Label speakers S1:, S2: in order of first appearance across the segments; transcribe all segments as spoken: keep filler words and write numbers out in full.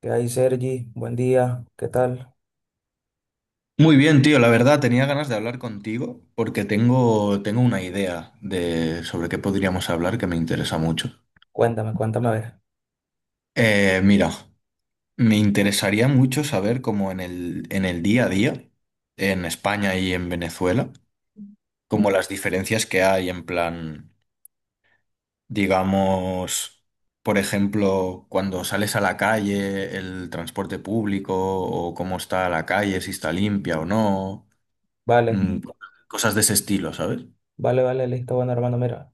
S1: ¿Qué hay, Sergi? Buen día. ¿Qué tal?
S2: Muy bien, tío, la verdad tenía ganas de hablar contigo porque tengo, tengo una idea de sobre qué podríamos hablar que me interesa mucho.
S1: Cuéntame, cuéntame a ver.
S2: Eh, mira, me interesaría mucho saber cómo en el, en el día a día, en España y en Venezuela, como las diferencias que hay en plan, digamos, por ejemplo, cuando sales a la calle, el transporte público o cómo está la calle, si está limpia o no,
S1: Vale,
S2: mm, cosas de ese estilo, ¿sabes?
S1: vale, vale, listo. Bueno, hermano, mira.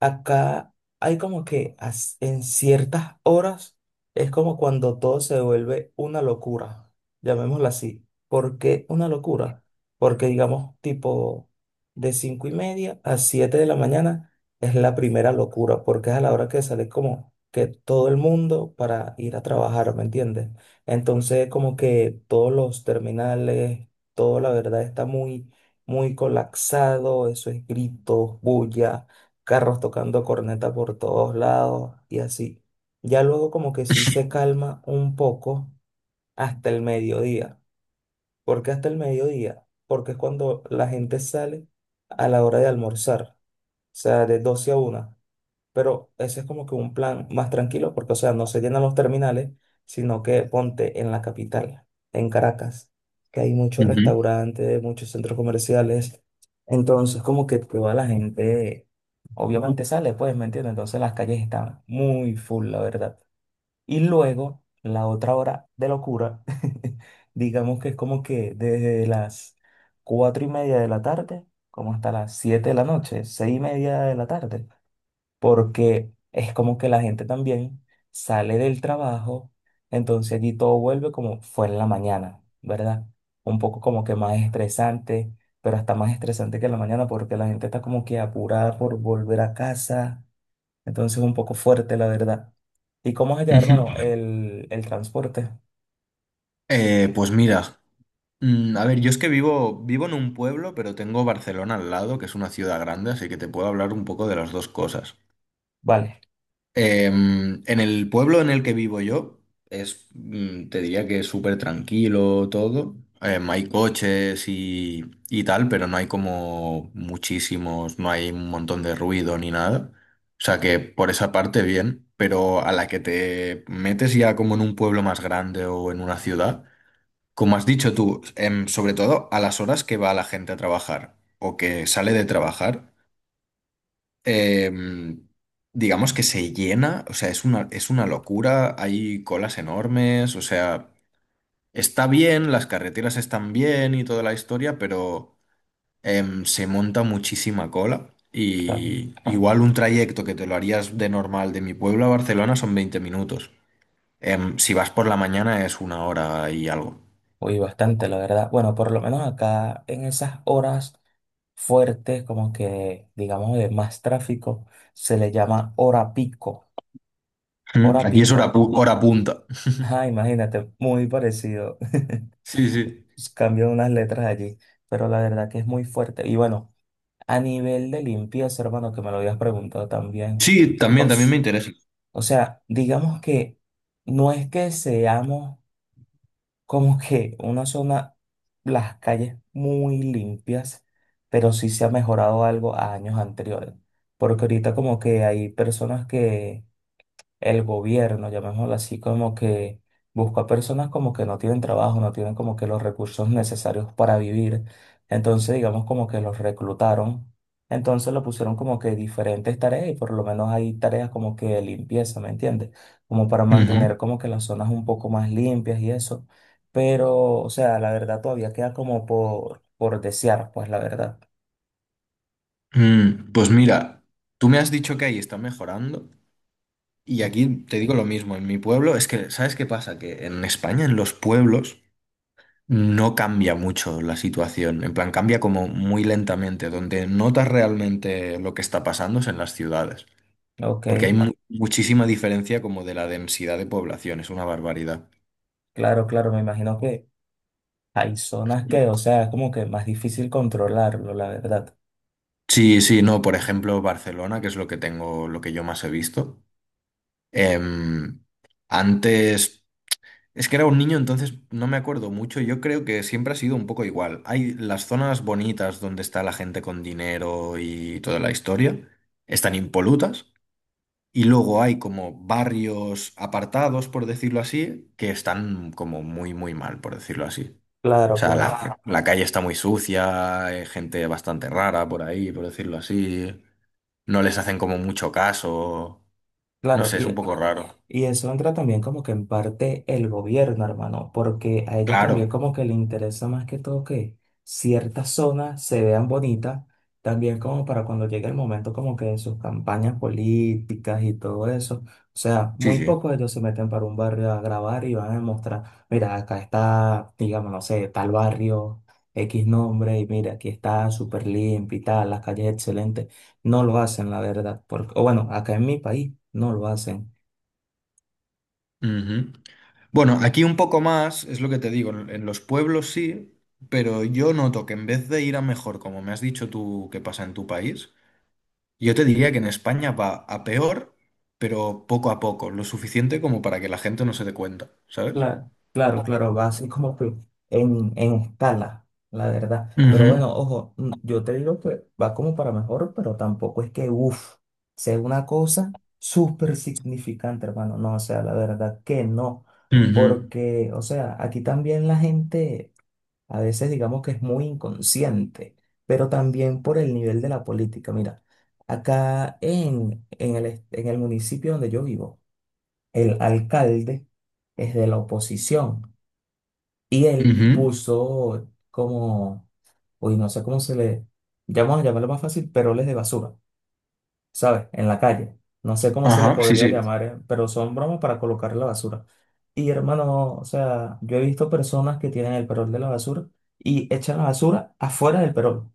S1: Acá hay como que as- en ciertas horas es como cuando todo se vuelve una locura, llamémoslo así. ¿Por qué una locura? Porque digamos tipo de cinco y media a siete de la mañana es la primera locura, porque es a la hora que sale como que todo el mundo para ir a trabajar, ¿me entiendes? Entonces como que todos los terminales, todo la verdad está muy, muy colapsado, eso es gritos, bulla, carros tocando corneta por todos lados y así. Ya luego como que sí se calma un poco hasta el mediodía. ¿Por qué hasta el mediodía? Porque es cuando la gente sale a la hora de almorzar, o sea, de doce a una, pero ese es como que un plan más tranquilo, porque, o sea, no se llenan los terminales, sino que ponte en la capital, en Caracas, que hay muchos
S2: Ujú.
S1: restaurantes, muchos centros comerciales. Entonces, como que toda la gente obviamente sale, pues, ¿me entiendes? Entonces las calles están muy full, la verdad. Y luego, la otra hora de locura, digamos que es como que desde las cuatro y media de la tarde, como hasta las siete de la noche, seis y media de la tarde, porque es como que la gente también sale del trabajo, entonces allí todo vuelve como fue en la mañana, ¿verdad? Un poco como que más estresante, pero hasta más estresante que en la mañana porque la gente está como que apurada por volver a casa, entonces un poco fuerte, la verdad. ¿Y cómo es allá,
S2: Ujú.
S1: hermano, el, el transporte?
S2: Eh, pues mira, mm, a ver, yo es que vivo, vivo en un pueblo, pero tengo Barcelona al lado, que es una ciudad grande, así que te puedo hablar un poco de las dos cosas.
S1: Vale,
S2: Em, en el pueblo en el que vivo yo, es, mm, te diría que es súper tranquilo todo. Em, hay coches y, y tal, pero no hay como muchísimos, no hay un montón de ruido ni nada. O sea que por esa parte bien, pero a la que te metes ya como en un pueblo más grande o en una ciudad. Como has dicho tú, em, sobre todo a las horas que va la gente a trabajar o que sale de trabajar, em, digamos que se llena, o sea, es una, es una locura, hay colas enormes, o sea, está bien, las carreteras están bien y toda la historia, pero em, se monta muchísima cola
S1: claro.
S2: y igual un trayecto que te lo harías de normal de mi pueblo a Barcelona son veinte minutos. Em, si vas por la mañana es una hora y algo.
S1: Uy, bastante, la verdad. Bueno, por lo menos acá en esas horas fuertes, como que digamos de más tráfico, se le llama hora pico.
S2: Mm,
S1: Hora
S2: Aquí es hora,
S1: pico.
S2: pu- hora punta.
S1: Ajá, imagínate, muy parecido.
S2: Sí, sí.
S1: Cambian unas letras allí, pero la verdad que es muy fuerte. Y bueno, a nivel de limpieza, hermano, que me lo habías preguntado también.
S2: Sí, también, también me
S1: Os,
S2: interesa.
S1: o sea, digamos que no es que seamos como que una zona, las calles muy limpias, pero sí se ha mejorado algo a años anteriores. Porque ahorita como que hay personas que el gobierno, llamémoslo así, como que busca personas como que no tienen trabajo, no tienen como que los recursos necesarios para vivir. Entonces, digamos como que los reclutaron. Entonces lo pusieron como que diferentes tareas y por lo menos hay tareas como que de limpieza, ¿me entiendes? Como para
S2: Ujú.
S1: mantener como que las zonas un poco más limpias y eso. Pero, o sea, la verdad todavía queda como por, por desear, pues, la verdad.
S2: Mm, pues mira, tú me has dicho que ahí está mejorando y aquí te digo lo mismo. En mi pueblo, es que, ¿sabes qué pasa? Que en España, en los pueblos, no cambia mucho la situación. En plan, cambia como muy lentamente. Donde notas realmente lo que está pasando es en las ciudades.
S1: Ok,
S2: Porque hay mu- vale, muchísima diferencia como de la densidad de población, es una barbaridad.
S1: claro, claro, me imagino que hay zonas que, o sea, es como que más difícil controlarlo, la verdad.
S2: Sí, sí, no, por ejemplo, Barcelona, que es lo que tengo, lo que yo más he visto. Em, antes, es que era un niño, entonces no me acuerdo mucho. Yo creo que siempre ha sido un poco igual. Hay las zonas bonitas donde está la gente con dinero y toda la historia, están impolutas. Y luego hay como barrios apartados, por decirlo así, que están como muy, muy mal, por decirlo así. O
S1: Claro,
S2: sea, la,
S1: claro,
S2: claro, la calle está muy sucia, hay gente bastante rara por ahí, por decirlo así. No les hacen como mucho caso. No
S1: claro.
S2: sé, es
S1: Y
S2: un poco raro.
S1: Y eso entra también como que en parte el gobierno, hermano, porque a ellos también
S2: Claro,
S1: como que les interesa más que todo que ciertas zonas se vean bonitas, también como para cuando llegue el momento como que de sus campañas políticas y todo eso. O sea,
S2: sí,
S1: muy
S2: sí.
S1: pocos ellos se meten para un barrio a grabar y van a mostrar mira, acá está, digamos, no sé, tal barrio, X nombre, y mira, aquí está súper limpio y tal, las calles excelentes. No lo hacen, la verdad, porque, o bueno, acá en mi país no lo hacen.
S2: Ujú. Bueno, aquí un poco más, es lo que te digo, en en los pueblos sí, pero yo noto que en vez de ir a mejor, como me has dicho tú que pasa en tu país, yo te diría que en España va a peor, pero poco a poco, lo suficiente como para que la gente no se dé cuenta, ¿sabes?
S1: Claro, claro, claro, va así como que en, en escala, la verdad. Pero
S2: Ujú,
S1: bueno, ojo, mm, yo te digo que va como para mejor, pero tampoco es que, uff, sea una cosa súper significante, hermano. No, o sea, la verdad que no.
S2: ujú,
S1: Porque, o sea, aquí también la gente a veces digamos que es muy inconsciente, pero también por el nivel de la política. Mira, acá en, en el, est- en el municipio donde yo vivo, el alcalde es de la oposición y él
S2: ujú.
S1: puso como, uy, no sé cómo se le, ya vamos a llamarlo más fácil, peroles de basura, ¿sabes? En la calle. No sé cómo se le
S2: Ajá, sí,
S1: podría
S2: sí.
S1: llamar, eh, pero son bromas para colocar la basura. Y hermano, o sea, yo he visto personas que tienen el perol de la basura y echan la basura afuera del perol.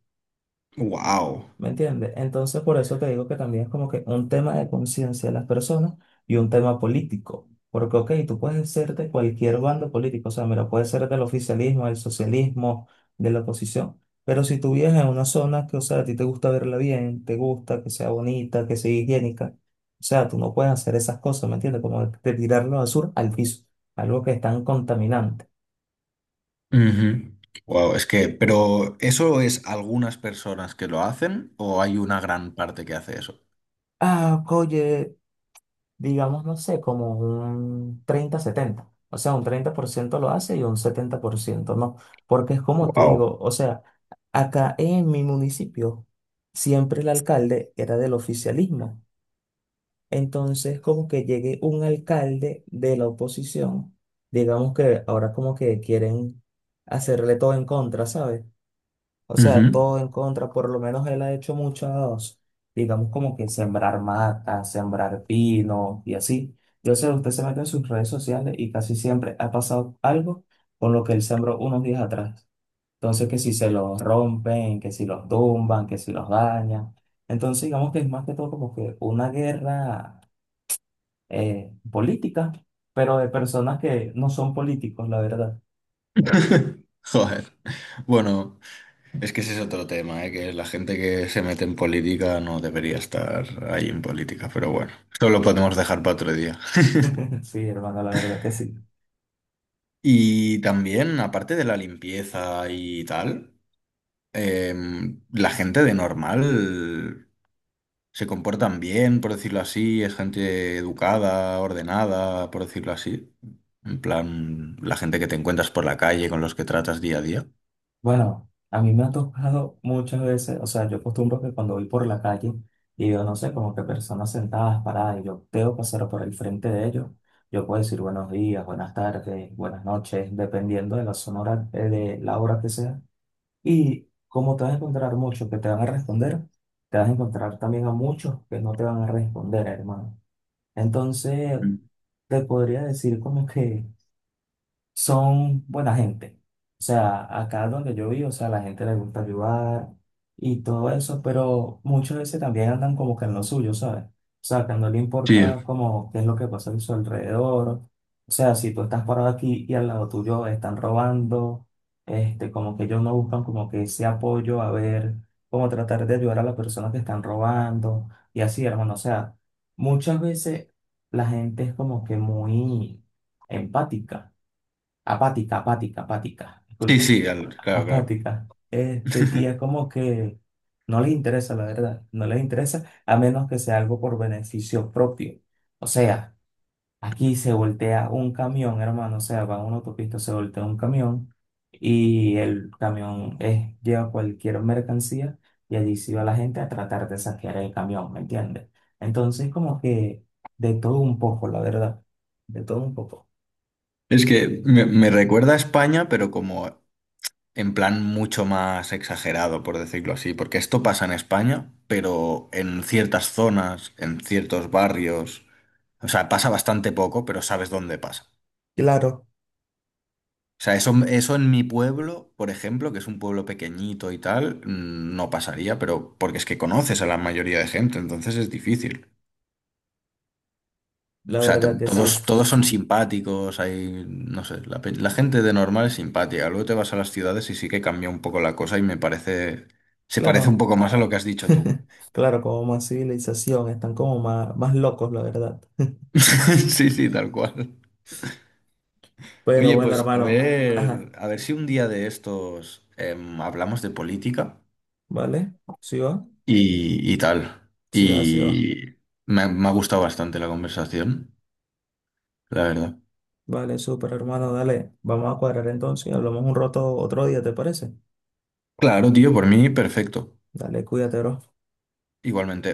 S2: Wow.
S1: ¿Me entiendes? Entonces, por eso te digo que también es como que un tema de conciencia de las personas y un tema político. Porque, ok, tú puedes ser de cualquier bando político, o sea, mira, puedes ser del oficialismo, del socialismo, de la oposición. Pero si tú vives en una zona que, o sea, a ti te gusta verla bien, te gusta que sea bonita, que sea higiénica, o sea, tú no puedes hacer esas cosas, ¿me entiendes? Como de tirar la basura al piso, algo que es tan contaminante.
S2: Wow, es que, pero ¿eso es algunas personas que lo hacen o hay una gran parte que hace eso?
S1: Ah, oye, digamos, no sé, como un treinta setenta. O sea, un treinta por ciento lo hace y un setenta por ciento no. Porque es como te
S2: Wow.
S1: digo, o sea, acá en mi municipio siempre el alcalde era del oficialismo. Entonces, como que llegue un alcalde de la oposición, digamos que ahora como que quieren hacerle todo en contra, ¿sabes? O sea, todo en contra, por lo menos él ha hecho muchos, digamos como que sembrar matas, sembrar pino y así. Yo sé, usted se mete en sus redes sociales y casi siempre ha pasado algo con lo que él sembró unos días atrás. Entonces, que si se los rompen, que si los tumban, que si los dañan. Entonces, digamos que es más que todo como que una guerra eh, política, pero de personas que no son políticos, la verdad.
S2: Joder. Bueno, es que ese es otro tema, ¿eh? Que la gente que se mete en política no debería estar ahí en política, pero bueno, eso lo podemos dejar para otro día.
S1: Sí, hermano, la verdad que sí.
S2: Y también, aparte de la limpieza y tal, em, la gente de normal se comportan bien, por decirlo así, es gente educada, ordenada, por decirlo así. En plan, la gente que te encuentras por la calle, con los que tratas día a día.
S1: Bueno, a mí me ha tocado muchas veces, o sea, yo acostumbro que cuando voy por la calle y veo, no sé, como que personas sentadas, paradas, y yo tengo que pasar por el frente de ellos, yo puedo decir buenos días, buenas tardes, buenas noches, dependiendo de la zona, hora- eh, de la hora que sea. Y como te vas a encontrar muchos que te van a responder, te vas a encontrar también a muchos que no te van a responder, hermano. Entonces,
S2: Mm.
S1: te podría decir como que son buena gente. O sea, acá donde yo vivo, o sea, la gente le gusta ayudar y todo eso, pero muchas veces también andan como que en lo suyo, ¿sabes? O sea, que no le
S2: Sí,
S1: importa como qué es lo que pasa a su alrededor. O sea, si tú estás parado aquí y al lado tuyo están robando, este, como que ellos no buscan como que ese apoyo a ver, como tratar de ayudar a las personas que están robando y así, hermano. O sea, muchas veces la gente es como que muy empática apática, apática, apática,
S2: sí,
S1: disculpa,
S2: sí, al- claro, claro.
S1: apática. Este, y es como que no les interesa, la verdad, no les interesa a menos que sea algo por beneficio propio. O sea, aquí se voltea un camión, hermano, o sea, va a una autopista, se voltea un camión y el camión eh, lleva cualquier mercancía y allí se va la gente a tratar de saquear el camión, ¿me entiendes? Entonces, como que de todo un poco, la verdad, de todo un poco.
S2: Es que me, me recuerda a España, pero como en plan mucho más exagerado, por decirlo así, porque esto pasa en España, pero en ciertas zonas, en ciertos barrios, o sea, pasa bastante poco, pero sabes dónde pasa.
S1: Claro,
S2: O sea, eso, eso en mi pueblo, por ejemplo, que es un pueblo pequeñito y tal, mm, no pasaría, pero porque es que conoces a la mayoría de gente, entonces es difícil.
S1: la
S2: O sea, te-
S1: verdad que
S2: todos,
S1: sí.
S2: todos son simpáticos, hay, no sé, la, pe- la gente de normal es simpática. Luego te vas a las ciudades y sí que cambia un poco la cosa y me parece, se parece un
S1: Claro,
S2: poco más a lo que has dicho tú.
S1: claro, como más civilización, están como más, más locos, la verdad.
S2: Sí, sí, tal cual.
S1: Pero
S2: Oye,
S1: bueno,
S2: pues a
S1: hermano, ajá,
S2: ver, a ver si un día de estos em, hablamos de política
S1: ¿vale? ¿Sí va?
S2: y, y tal.
S1: Sí va, sí va.
S2: Y me, ha- me ha gustado bastante la conversación, la verdad.
S1: Vale, súper, hermano, dale, vamos a cuadrar entonces y hablamos un rato otro día, ¿te parece?
S2: Claro, tío, por mí perfecto.
S1: Dale, cuídate, bro.
S2: Igualmente.